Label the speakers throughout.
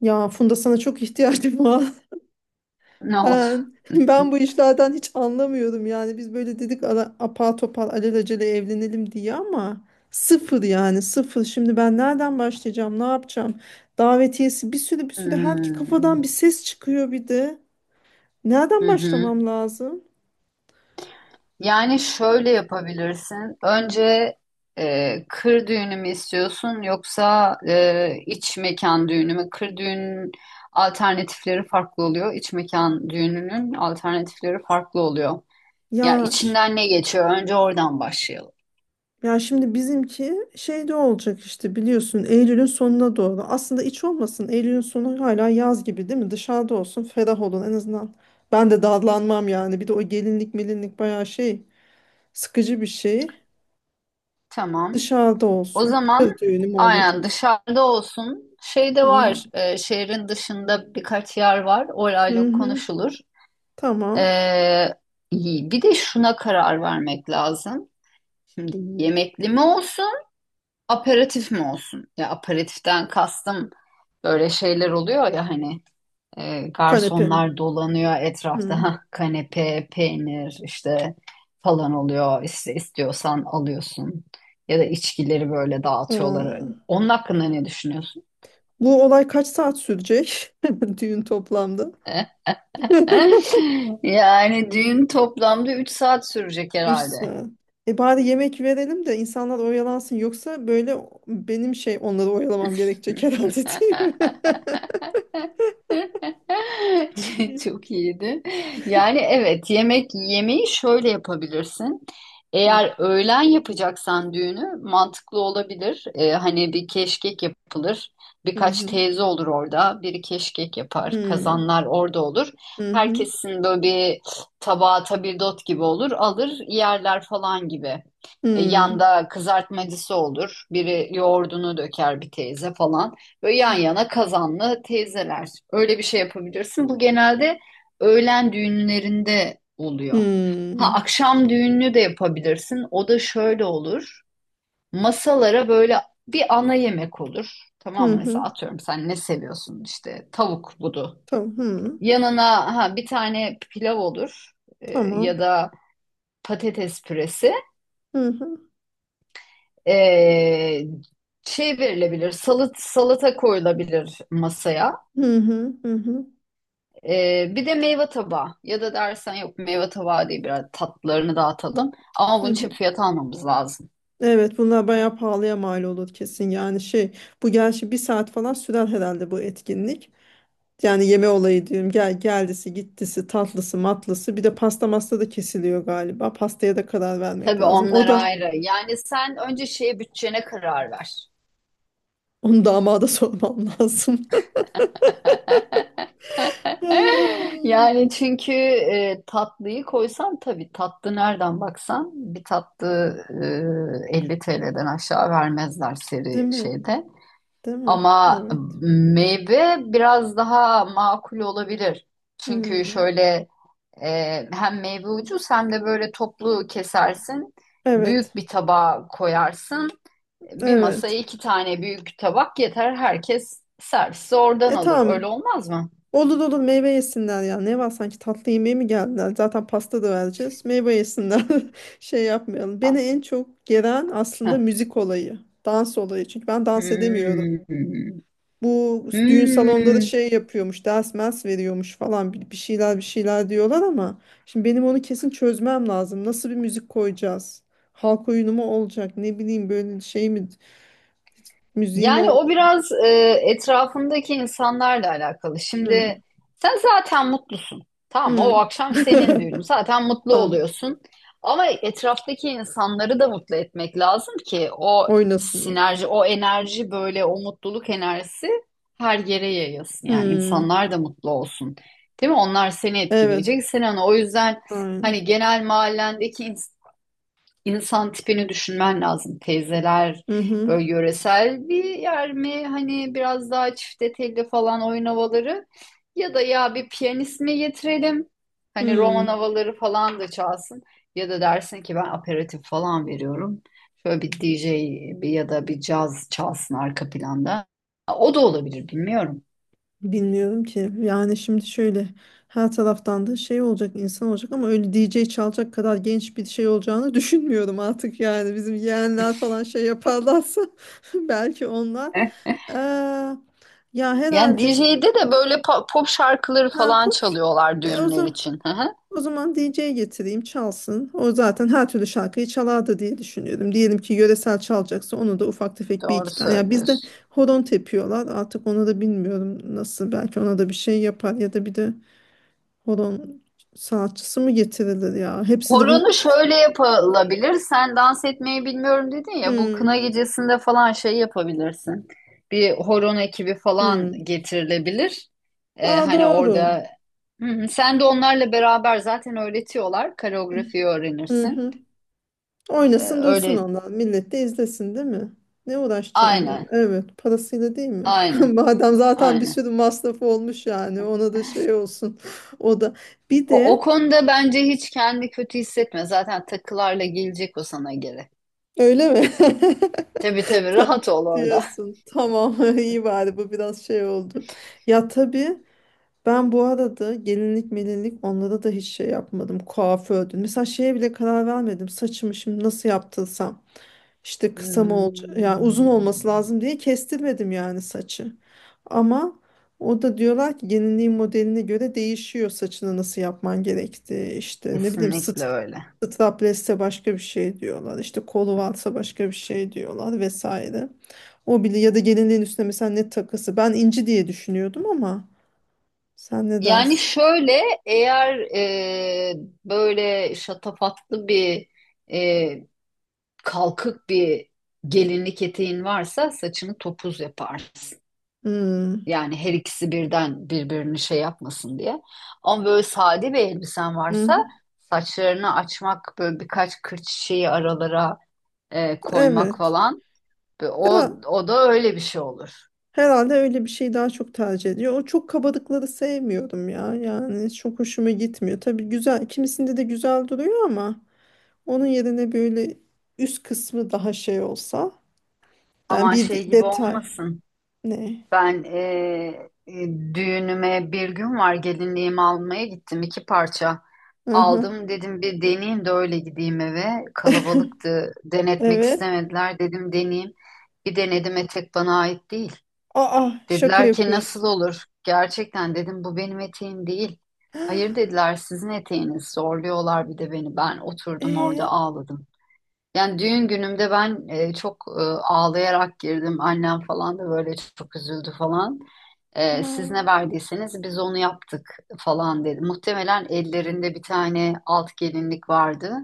Speaker 1: Ya Funda sana çok ihtiyacım var.
Speaker 2: Ne oldu?
Speaker 1: Ben bu işlerden hiç anlamıyorum yani. Biz böyle dedik apar topar alelacele evlenelim diye ama sıfır yani sıfır. Şimdi ben nereden başlayacağım? Ne yapacağım? Davetiyesi bir sürü bir sürü her iki
Speaker 2: Hmm.
Speaker 1: kafadan bir ses çıkıyor bir de.
Speaker 2: Hı
Speaker 1: Nereden
Speaker 2: hı.
Speaker 1: başlamam lazım?
Speaker 2: Yani şöyle yapabilirsin. Önce kır düğünü mü istiyorsun yoksa iç mekan düğünü mü? Kır düğünün alternatifleri farklı oluyor. İç mekan düğününün alternatifleri farklı oluyor. Ya
Speaker 1: Ya
Speaker 2: içinden ne geçiyor? Önce oradan başlayalım.
Speaker 1: Ya şimdi bizimki şeyde olacak işte biliyorsun Eylül'ün sonuna doğru. Aslında iç olmasın. Eylül'ün sonu hala yaz gibi değil mi? Dışarıda olsun, ferah olun en azından. Ben de dallanmam yani. Bir de o gelinlik melinlik bayağı şey sıkıcı bir şey.
Speaker 2: Tamam.
Speaker 1: Dışarıda
Speaker 2: O
Speaker 1: olsun.
Speaker 2: zaman
Speaker 1: Kız düğünü mü olacak?
Speaker 2: aynen dışarıda olsun. Şey de
Speaker 1: Hı hı.
Speaker 2: var. Şehrin dışında birkaç yer var.
Speaker 1: Hı
Speaker 2: Orayla
Speaker 1: hı.
Speaker 2: konuşulur.
Speaker 1: Tamam.
Speaker 2: Ee, bir de şuna karar vermek lazım. Şimdi yemekli mi olsun, aperatif mi olsun? Ya aperatiften kastım böyle şeyler oluyor ya hani e,
Speaker 1: Kanepe.
Speaker 2: garsonlar dolanıyor etrafta.
Speaker 1: Hı.
Speaker 2: Hah, kanepe, peynir işte falan oluyor. İşte istiyorsan alıyorsun. Ya da içkileri böyle dağıtıyorlar.
Speaker 1: Hı.
Speaker 2: Onun hakkında ne düşünüyorsun?
Speaker 1: Bu olay kaç saat sürecek? Düğün toplamda.
Speaker 2: Yani düğün toplamda 3 saat sürecek
Speaker 1: Üç
Speaker 2: herhalde.
Speaker 1: saat. E bari yemek verelim de insanlar oyalansın. Yoksa böyle benim şey onları oyalamam gerekecek herhalde değil mi?
Speaker 2: Çok iyiydi. Yani evet yemek yemeği şöyle yapabilirsin.
Speaker 1: Hı.
Speaker 2: Eğer öğlen yapacaksan düğünü mantıklı olabilir. Hani bir keşkek yapılır.
Speaker 1: Hı
Speaker 2: Birkaç
Speaker 1: hı.
Speaker 2: teyze olur orada. Biri keşkek yapar. Kazanlar orada olur.
Speaker 1: Hı hı.
Speaker 2: Herkesin böyle bir tabağı tabildot gibi olur. Alır yerler falan gibi. E,
Speaker 1: Hı
Speaker 2: yanda kızartmacısı olur. Biri yoğurdunu döker bir teyze falan. Böyle yan yana kazanlı teyzeler. Öyle bir şey yapabilirsin. Bu genelde öğlen düğünlerinde oluyor. Ha akşam düğününü de yapabilirsin. O da şöyle olur. Masalara böyle bir ana yemek olur. Tamam
Speaker 1: hı.
Speaker 2: mı?
Speaker 1: hı.
Speaker 2: Mesela atıyorum sen ne seviyorsun? İşte tavuk budu.
Speaker 1: Tamam. Hı.
Speaker 2: Yanına ha bir tane pilav olur. Ya
Speaker 1: Tamam.
Speaker 2: da patates püresi.
Speaker 1: Hı hı.
Speaker 2: Ee, şey verilebilir. Salata koyulabilir masaya.
Speaker 1: Hı hı. Hı hı.
Speaker 2: Bir de meyve tabağı ya da dersen yok meyve tabağı değil biraz tatlılarını dağıtalım ama
Speaker 1: Hı
Speaker 2: bunun
Speaker 1: hı.
Speaker 2: için fiyat almamız lazım.
Speaker 1: Evet, bunlar bayağı pahalıya mal olur kesin yani şey bu gerçi bir saat falan sürer herhalde bu etkinlik. Yani yeme olayı diyorum. Gel geldisi, gittisi, tatlısı, matlısı. Bir de pasta masta da kesiliyor galiba. Pastaya da karar vermek
Speaker 2: Tabii
Speaker 1: lazım. O
Speaker 2: onlar
Speaker 1: da
Speaker 2: ayrı. Yani sen önce bütçene karar ver.
Speaker 1: onu damada sormam lazım.
Speaker 2: Yani çünkü tatlıyı koysan tabii tatlı nereden baksan bir tatlı 50 TL'den aşağı vermezler
Speaker 1: Değil
Speaker 2: seri
Speaker 1: mi?
Speaker 2: şeyde.
Speaker 1: Değil mi?
Speaker 2: Ama
Speaker 1: Evet.
Speaker 2: meyve biraz daha makul olabilir. Çünkü
Speaker 1: Hmm.
Speaker 2: şöyle. Hem meyve ucuz hem de böyle toplu kesersin.
Speaker 1: Evet.
Speaker 2: Büyük bir tabağa koyarsın. Bir masaya
Speaker 1: Evet.
Speaker 2: iki tane büyük tabak yeter. Herkes servisi oradan
Speaker 1: E
Speaker 2: alır. Öyle
Speaker 1: tamam.
Speaker 2: olmaz mı?
Speaker 1: Olur olur meyve yesinler ya. Ne var, sanki tatlı yemeğe mi geldiler? Zaten pasta da vereceğiz. Meyve yesinler. Şey yapmayalım. Beni en çok gelen aslında
Speaker 2: Heh.
Speaker 1: müzik olayı. Dans olayı. Çünkü ben dans edemiyorum.
Speaker 2: Hmm.
Speaker 1: Bu düğün salonunda da
Speaker 2: Hmm.
Speaker 1: şey yapıyormuş, ders mers veriyormuş falan, bir şeyler bir şeyler diyorlar ama şimdi benim onu kesin çözmem lazım. Nasıl bir müzik koyacağız? Halk oyunu mu olacak? Ne bileyim, böyle şey mi müziği mi
Speaker 2: Yani o
Speaker 1: olacak?
Speaker 2: biraz etrafındaki insanlarla alakalı.
Speaker 1: Hmm.
Speaker 2: Şimdi sen zaten mutlusun. Tamam mı? O
Speaker 1: Hmm.
Speaker 2: akşam senin düğünün. Zaten mutlu
Speaker 1: Tamam
Speaker 2: oluyorsun. Ama etraftaki insanları da mutlu etmek lazım ki o
Speaker 1: oynasın.
Speaker 2: sinerji, o enerji böyle o mutluluk enerjisi her yere yayılsın. Yani
Speaker 1: Hmm.
Speaker 2: insanlar da mutlu olsun. Değil mi? Onlar seni
Speaker 1: Evet.
Speaker 2: etkileyecek. Sen onu o yüzden
Speaker 1: Aynen.
Speaker 2: hani genel mahallendeki İnsan tipini düşünmen lazım. Teyzeler
Speaker 1: Hı hı.
Speaker 2: böyle yöresel bir yer mi? Hani biraz daha çifte telli falan oyun havaları. Ya da ya bir piyanist mi getirelim? Hani roman
Speaker 1: Hmm.
Speaker 2: havaları falan da çalsın. Ya da dersin ki ben aperatif falan veriyorum. Şöyle bir DJ ya da bir caz çalsın arka planda. O da olabilir bilmiyorum.
Speaker 1: Bilmiyorum ki. Yani şimdi şöyle, her taraftan da şey olacak, insan olacak ama öyle D J çalacak kadar genç bir şey olacağını düşünmüyorum artık yani. Bizim yeğenler falan şey yaparlarsa belki onlar.
Speaker 2: Heh.
Speaker 1: Ee, Ya
Speaker 2: Yani
Speaker 1: herhalde,
Speaker 2: DJ'de de böyle pop şarkıları
Speaker 1: ha,
Speaker 2: falan
Speaker 1: pop,
Speaker 2: çalıyorlar
Speaker 1: e, o
Speaker 2: düğünler
Speaker 1: zaman
Speaker 2: için. Hı hı.
Speaker 1: o zaman DJ getireyim çalsın. O zaten her türlü şarkıyı çalardı diye düşünüyorum. Diyelim ki yöresel çalacaksa onu da ufak tefek bir
Speaker 2: Doğru
Speaker 1: iki tane. Ya bizde
Speaker 2: söylüyorsun.
Speaker 1: horon tepiyorlar. Artık onu da bilmiyorum nasıl. Belki ona da bir şey yapar ya da bir de horon sanatçısı mı getirilir ya? Hepsi de bunu.
Speaker 2: Horonu şöyle yapılabilir. Sen dans etmeyi bilmiyorum dedin ya. Bu kına
Speaker 1: Hmm,
Speaker 2: gecesinde falan şey yapabilirsin. Bir horon ekibi falan
Speaker 1: hmm.
Speaker 2: getirilebilir. Ee,
Speaker 1: Aa
Speaker 2: hani
Speaker 1: doğru.
Speaker 2: orada. Hı hı. Sen de onlarla beraber zaten öğretiyorlar. Koreografiyi
Speaker 1: Hı
Speaker 2: öğrenirsin.
Speaker 1: hı.
Speaker 2: Ee,
Speaker 1: Oynasın dursun
Speaker 2: öyle
Speaker 1: onlar. Millet de izlesin değil mi? Ne uğraşacağım ya?
Speaker 2: aynen.
Speaker 1: Evet, parasıyla değil mi?
Speaker 2: Aynen.
Speaker 1: Madem zaten bir
Speaker 2: Aynen.
Speaker 1: sürü masrafı olmuş, yani ona da şey olsun. O da bir
Speaker 2: O
Speaker 1: de
Speaker 2: konuda bence hiç kendi kötü hissetme. Zaten takılarla gelecek o sana geri.
Speaker 1: öyle mi?
Speaker 2: Tabii tabii
Speaker 1: Ta-
Speaker 2: rahat ol orada.
Speaker 1: diyorsun. Tamam, iyi bari bu biraz şey oldu. Ya tabii, ben bu arada gelinlik melinlik onlara da hiç şey yapmadım. Kuafördün. Mesela şeye bile karar vermedim. Saçımı şimdi nasıl yaptırsam. İşte kısa mı olacak? Yani
Speaker 2: Hmm,
Speaker 1: uzun olması lazım diye kestirmedim yani saçı. Ama o da, diyorlar ki gelinliğin modeline göre değişiyor saçını nasıl yapman gerektiği. İşte ne bileyim,
Speaker 2: kesinlikle öyle.
Speaker 1: straplesse başka bir şey diyorlar. İşte kolu varsa başka bir şey diyorlar vesaire. O bile, ya da gelinliğin üstüne mesela ne takısı. Ben inci diye düşünüyordum ama. Sen ne
Speaker 2: Yani
Speaker 1: dersin?
Speaker 2: şöyle eğer böyle şatafatlı bir e, kalkık bir gelinlik eteğin varsa saçını topuz yaparsın.
Speaker 1: Hmm,
Speaker 2: Yani her ikisi birden birbirini şey yapmasın diye. Ama böyle sade bir elbisen varsa
Speaker 1: mhm,
Speaker 2: saçlarını açmak böyle birkaç kırç şeyi aralara koymak
Speaker 1: evet.
Speaker 2: falan. Ve O,
Speaker 1: Herhal-
Speaker 2: o da öyle bir şey olur.
Speaker 1: herhalde öyle bir şey daha çok tercih ediyor. O çok kabalıkları sevmiyorum ya. Yani çok hoşuma gitmiyor. Tabii güzel. Kimisinde de güzel duruyor ama onun yerine böyle üst kısmı daha şey olsa. Yani
Speaker 2: Ama
Speaker 1: bir
Speaker 2: şey gibi
Speaker 1: detay.
Speaker 2: olmasın.
Speaker 1: Ne?
Speaker 2: Ben düğünüme bir gün var, gelinliğimi almaya gittim, iki parça
Speaker 1: Hı.
Speaker 2: aldım, dedim bir deneyeyim de öyle gideyim eve, kalabalıktı, denetmek
Speaker 1: Evet.
Speaker 2: istemediler, dedim deneyeyim, bir denedim, etek bana ait değil,
Speaker 1: Aa, şaka
Speaker 2: dediler ki nasıl
Speaker 1: yapıyorsun.
Speaker 2: olur, gerçekten dedim bu benim eteğim değil, hayır dediler sizin eteğiniz, zorluyorlar bir de beni, ben oturdum orada
Speaker 1: Ee,
Speaker 2: ağladım. Yani düğün günümde ben çok ağlayarak girdim. Annem falan da böyle çok üzüldü falan. Siz ne
Speaker 1: aa.
Speaker 2: verdiyseniz biz onu yaptık falan dedi. Muhtemelen ellerinde bir tane alt gelinlik vardı.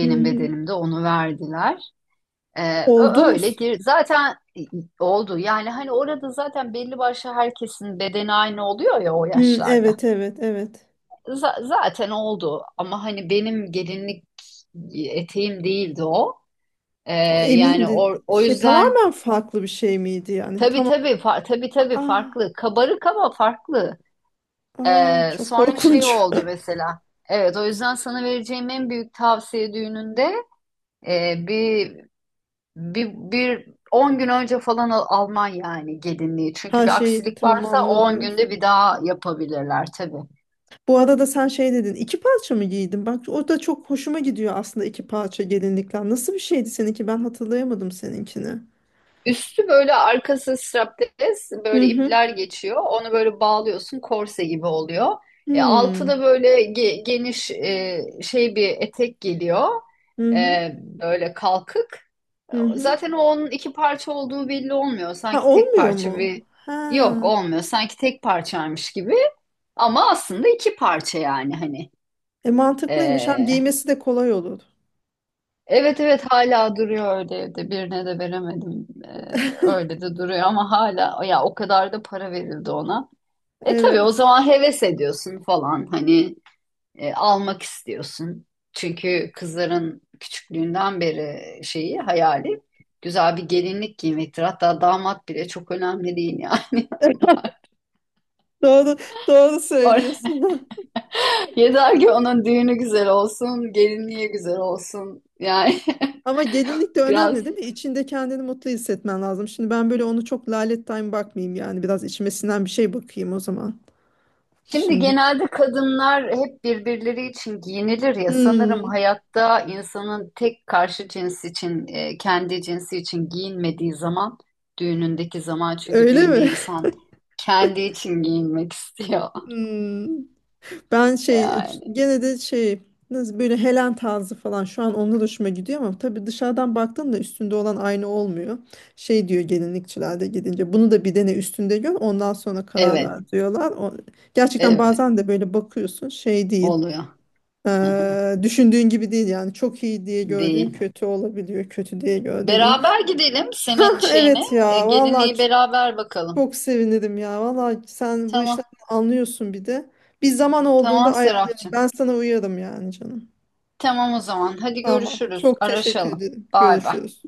Speaker 1: Hı hı.
Speaker 2: bedenimde onu verdiler. Ee,
Speaker 1: Oldu
Speaker 2: ö-
Speaker 1: mu?
Speaker 2: öyle gir. Zaten oldu. Yani hani orada zaten belli başlı herkesin bedeni aynı oluyor ya o
Speaker 1: Hı,
Speaker 2: yaşlarda.
Speaker 1: evet evet evet.
Speaker 2: Zaten oldu. Ama hani benim gelinlik eteğim değildi o. Ee, yani o,
Speaker 1: Emindin.
Speaker 2: o
Speaker 1: Şey
Speaker 2: yüzden
Speaker 1: tamamen farklı bir şey miydi yani?
Speaker 2: tabii
Speaker 1: Tamam.
Speaker 2: tabii tabii tabii
Speaker 1: Aa,
Speaker 2: farklı. Kabarık ama farklı.
Speaker 1: aa,
Speaker 2: Ee,
Speaker 1: çok
Speaker 2: sonra şey
Speaker 1: korkunç.
Speaker 2: oldu mesela. Evet, o yüzden sana vereceğim en büyük tavsiye düğününde e, bir bir 10 gün önce falan alman yani gelinliği. Çünkü
Speaker 1: Her
Speaker 2: bir
Speaker 1: şeyi
Speaker 2: aksilik varsa o
Speaker 1: tamamla
Speaker 2: 10
Speaker 1: diyorsun.
Speaker 2: günde bir daha yapabilirler tabii.
Speaker 1: Bu arada sen şey dedin. İki parça mı giydin? Bak o da çok hoşuma gidiyor aslında, iki parça gelinlikler. Nasıl bir şeydi seninki? Ben hatırlayamadım seninkini.
Speaker 2: Üstü böyle arkası strapless
Speaker 1: Hı
Speaker 2: böyle
Speaker 1: hı.
Speaker 2: ipler geçiyor. Onu böyle bağlıyorsun korse gibi oluyor. Altı da
Speaker 1: Hmm.
Speaker 2: böyle geniş şey bir etek geliyor.
Speaker 1: Hı hı.
Speaker 2: Böyle kalkık. E,
Speaker 1: Hı hı.
Speaker 2: Zaten o onun iki parça olduğu belli olmuyor.
Speaker 1: Ha
Speaker 2: Sanki tek
Speaker 1: olmuyor
Speaker 2: parça
Speaker 1: mu?
Speaker 2: bir,
Speaker 1: Ha.
Speaker 2: yok olmuyor. Sanki tek parçaymış gibi. Ama aslında iki parça yani hani.
Speaker 1: E mantıklıymış. Hem
Speaker 2: E,
Speaker 1: giymesi de kolay olur.
Speaker 2: Evet evet hala duruyor öyle evde. Birine de veremedim. Öyle de duruyor ama hala ya o kadar da para verildi ona. Tabii o
Speaker 1: Evet.
Speaker 2: zaman heves ediyorsun falan hani almak istiyorsun. Çünkü kızların küçüklüğünden beri hayali güzel bir gelinlik giymektir. Hatta damat bile çok önemli değil yani.
Speaker 1: Doğru, doğru
Speaker 2: Or-
Speaker 1: söylüyorsun.
Speaker 2: Yeter ki onun düğünü güzel olsun, gelinliği güzel olsun. Yani
Speaker 1: Ama gelinlik de
Speaker 2: biraz.
Speaker 1: önemli değil mi? İçinde kendini mutlu hissetmen lazım. Şimdi ben böyle onu çok lalet time bakmayayım yani. Biraz içime sinen bir şey bakayım o zaman.
Speaker 2: Şimdi
Speaker 1: Şimdi.
Speaker 2: genelde kadınlar hep birbirleri için giyinilir ya sanırım
Speaker 1: Hmm,
Speaker 2: hayatta insanın tek karşı cins için kendi cinsi için giyinmediği zaman düğünündeki zaman çünkü
Speaker 1: öyle
Speaker 2: düğünde
Speaker 1: mi?
Speaker 2: insan kendi için giyinmek istiyor
Speaker 1: Hmm. Ben şey
Speaker 2: yani.
Speaker 1: gene de şey, nasıl böyle Helen tarzı falan, şu an onunla da hoşuma gidiyor ama tabii dışarıdan baktığında üstünde olan aynı olmuyor. Şey diyor gelinlikçilerde, gidince bunu da bir dene üstünde gör ondan sonra karar ver
Speaker 2: Evet,
Speaker 1: diyorlar. O, gerçekten
Speaker 2: evet
Speaker 1: bazen de böyle bakıyorsun şey değil.
Speaker 2: oluyor.
Speaker 1: Düşündüğün gibi değil yani, çok iyi diye
Speaker 2: Değil.
Speaker 1: gördüğün kötü olabiliyor, kötü diye gördüğün iyi.
Speaker 2: Beraber gidelim senin
Speaker 1: Ah,
Speaker 2: şeyine
Speaker 1: evet
Speaker 2: e,
Speaker 1: ya vallahi,
Speaker 2: gelinliği beraber bakalım.
Speaker 1: çok sevinirim ya vallahi, sen bu
Speaker 2: Tamam,
Speaker 1: işlerden anlıyorsun bir de, bir zaman olduğunda
Speaker 2: tamam
Speaker 1: ayarlayalım,
Speaker 2: Serapcığım.
Speaker 1: ben sana uyarım yani canım,
Speaker 2: Tamam o zaman hadi
Speaker 1: tamam,
Speaker 2: görüşürüz
Speaker 1: çok teşekkür
Speaker 2: araşalım.
Speaker 1: ederim,
Speaker 2: Bay bay.
Speaker 1: görüşürüz.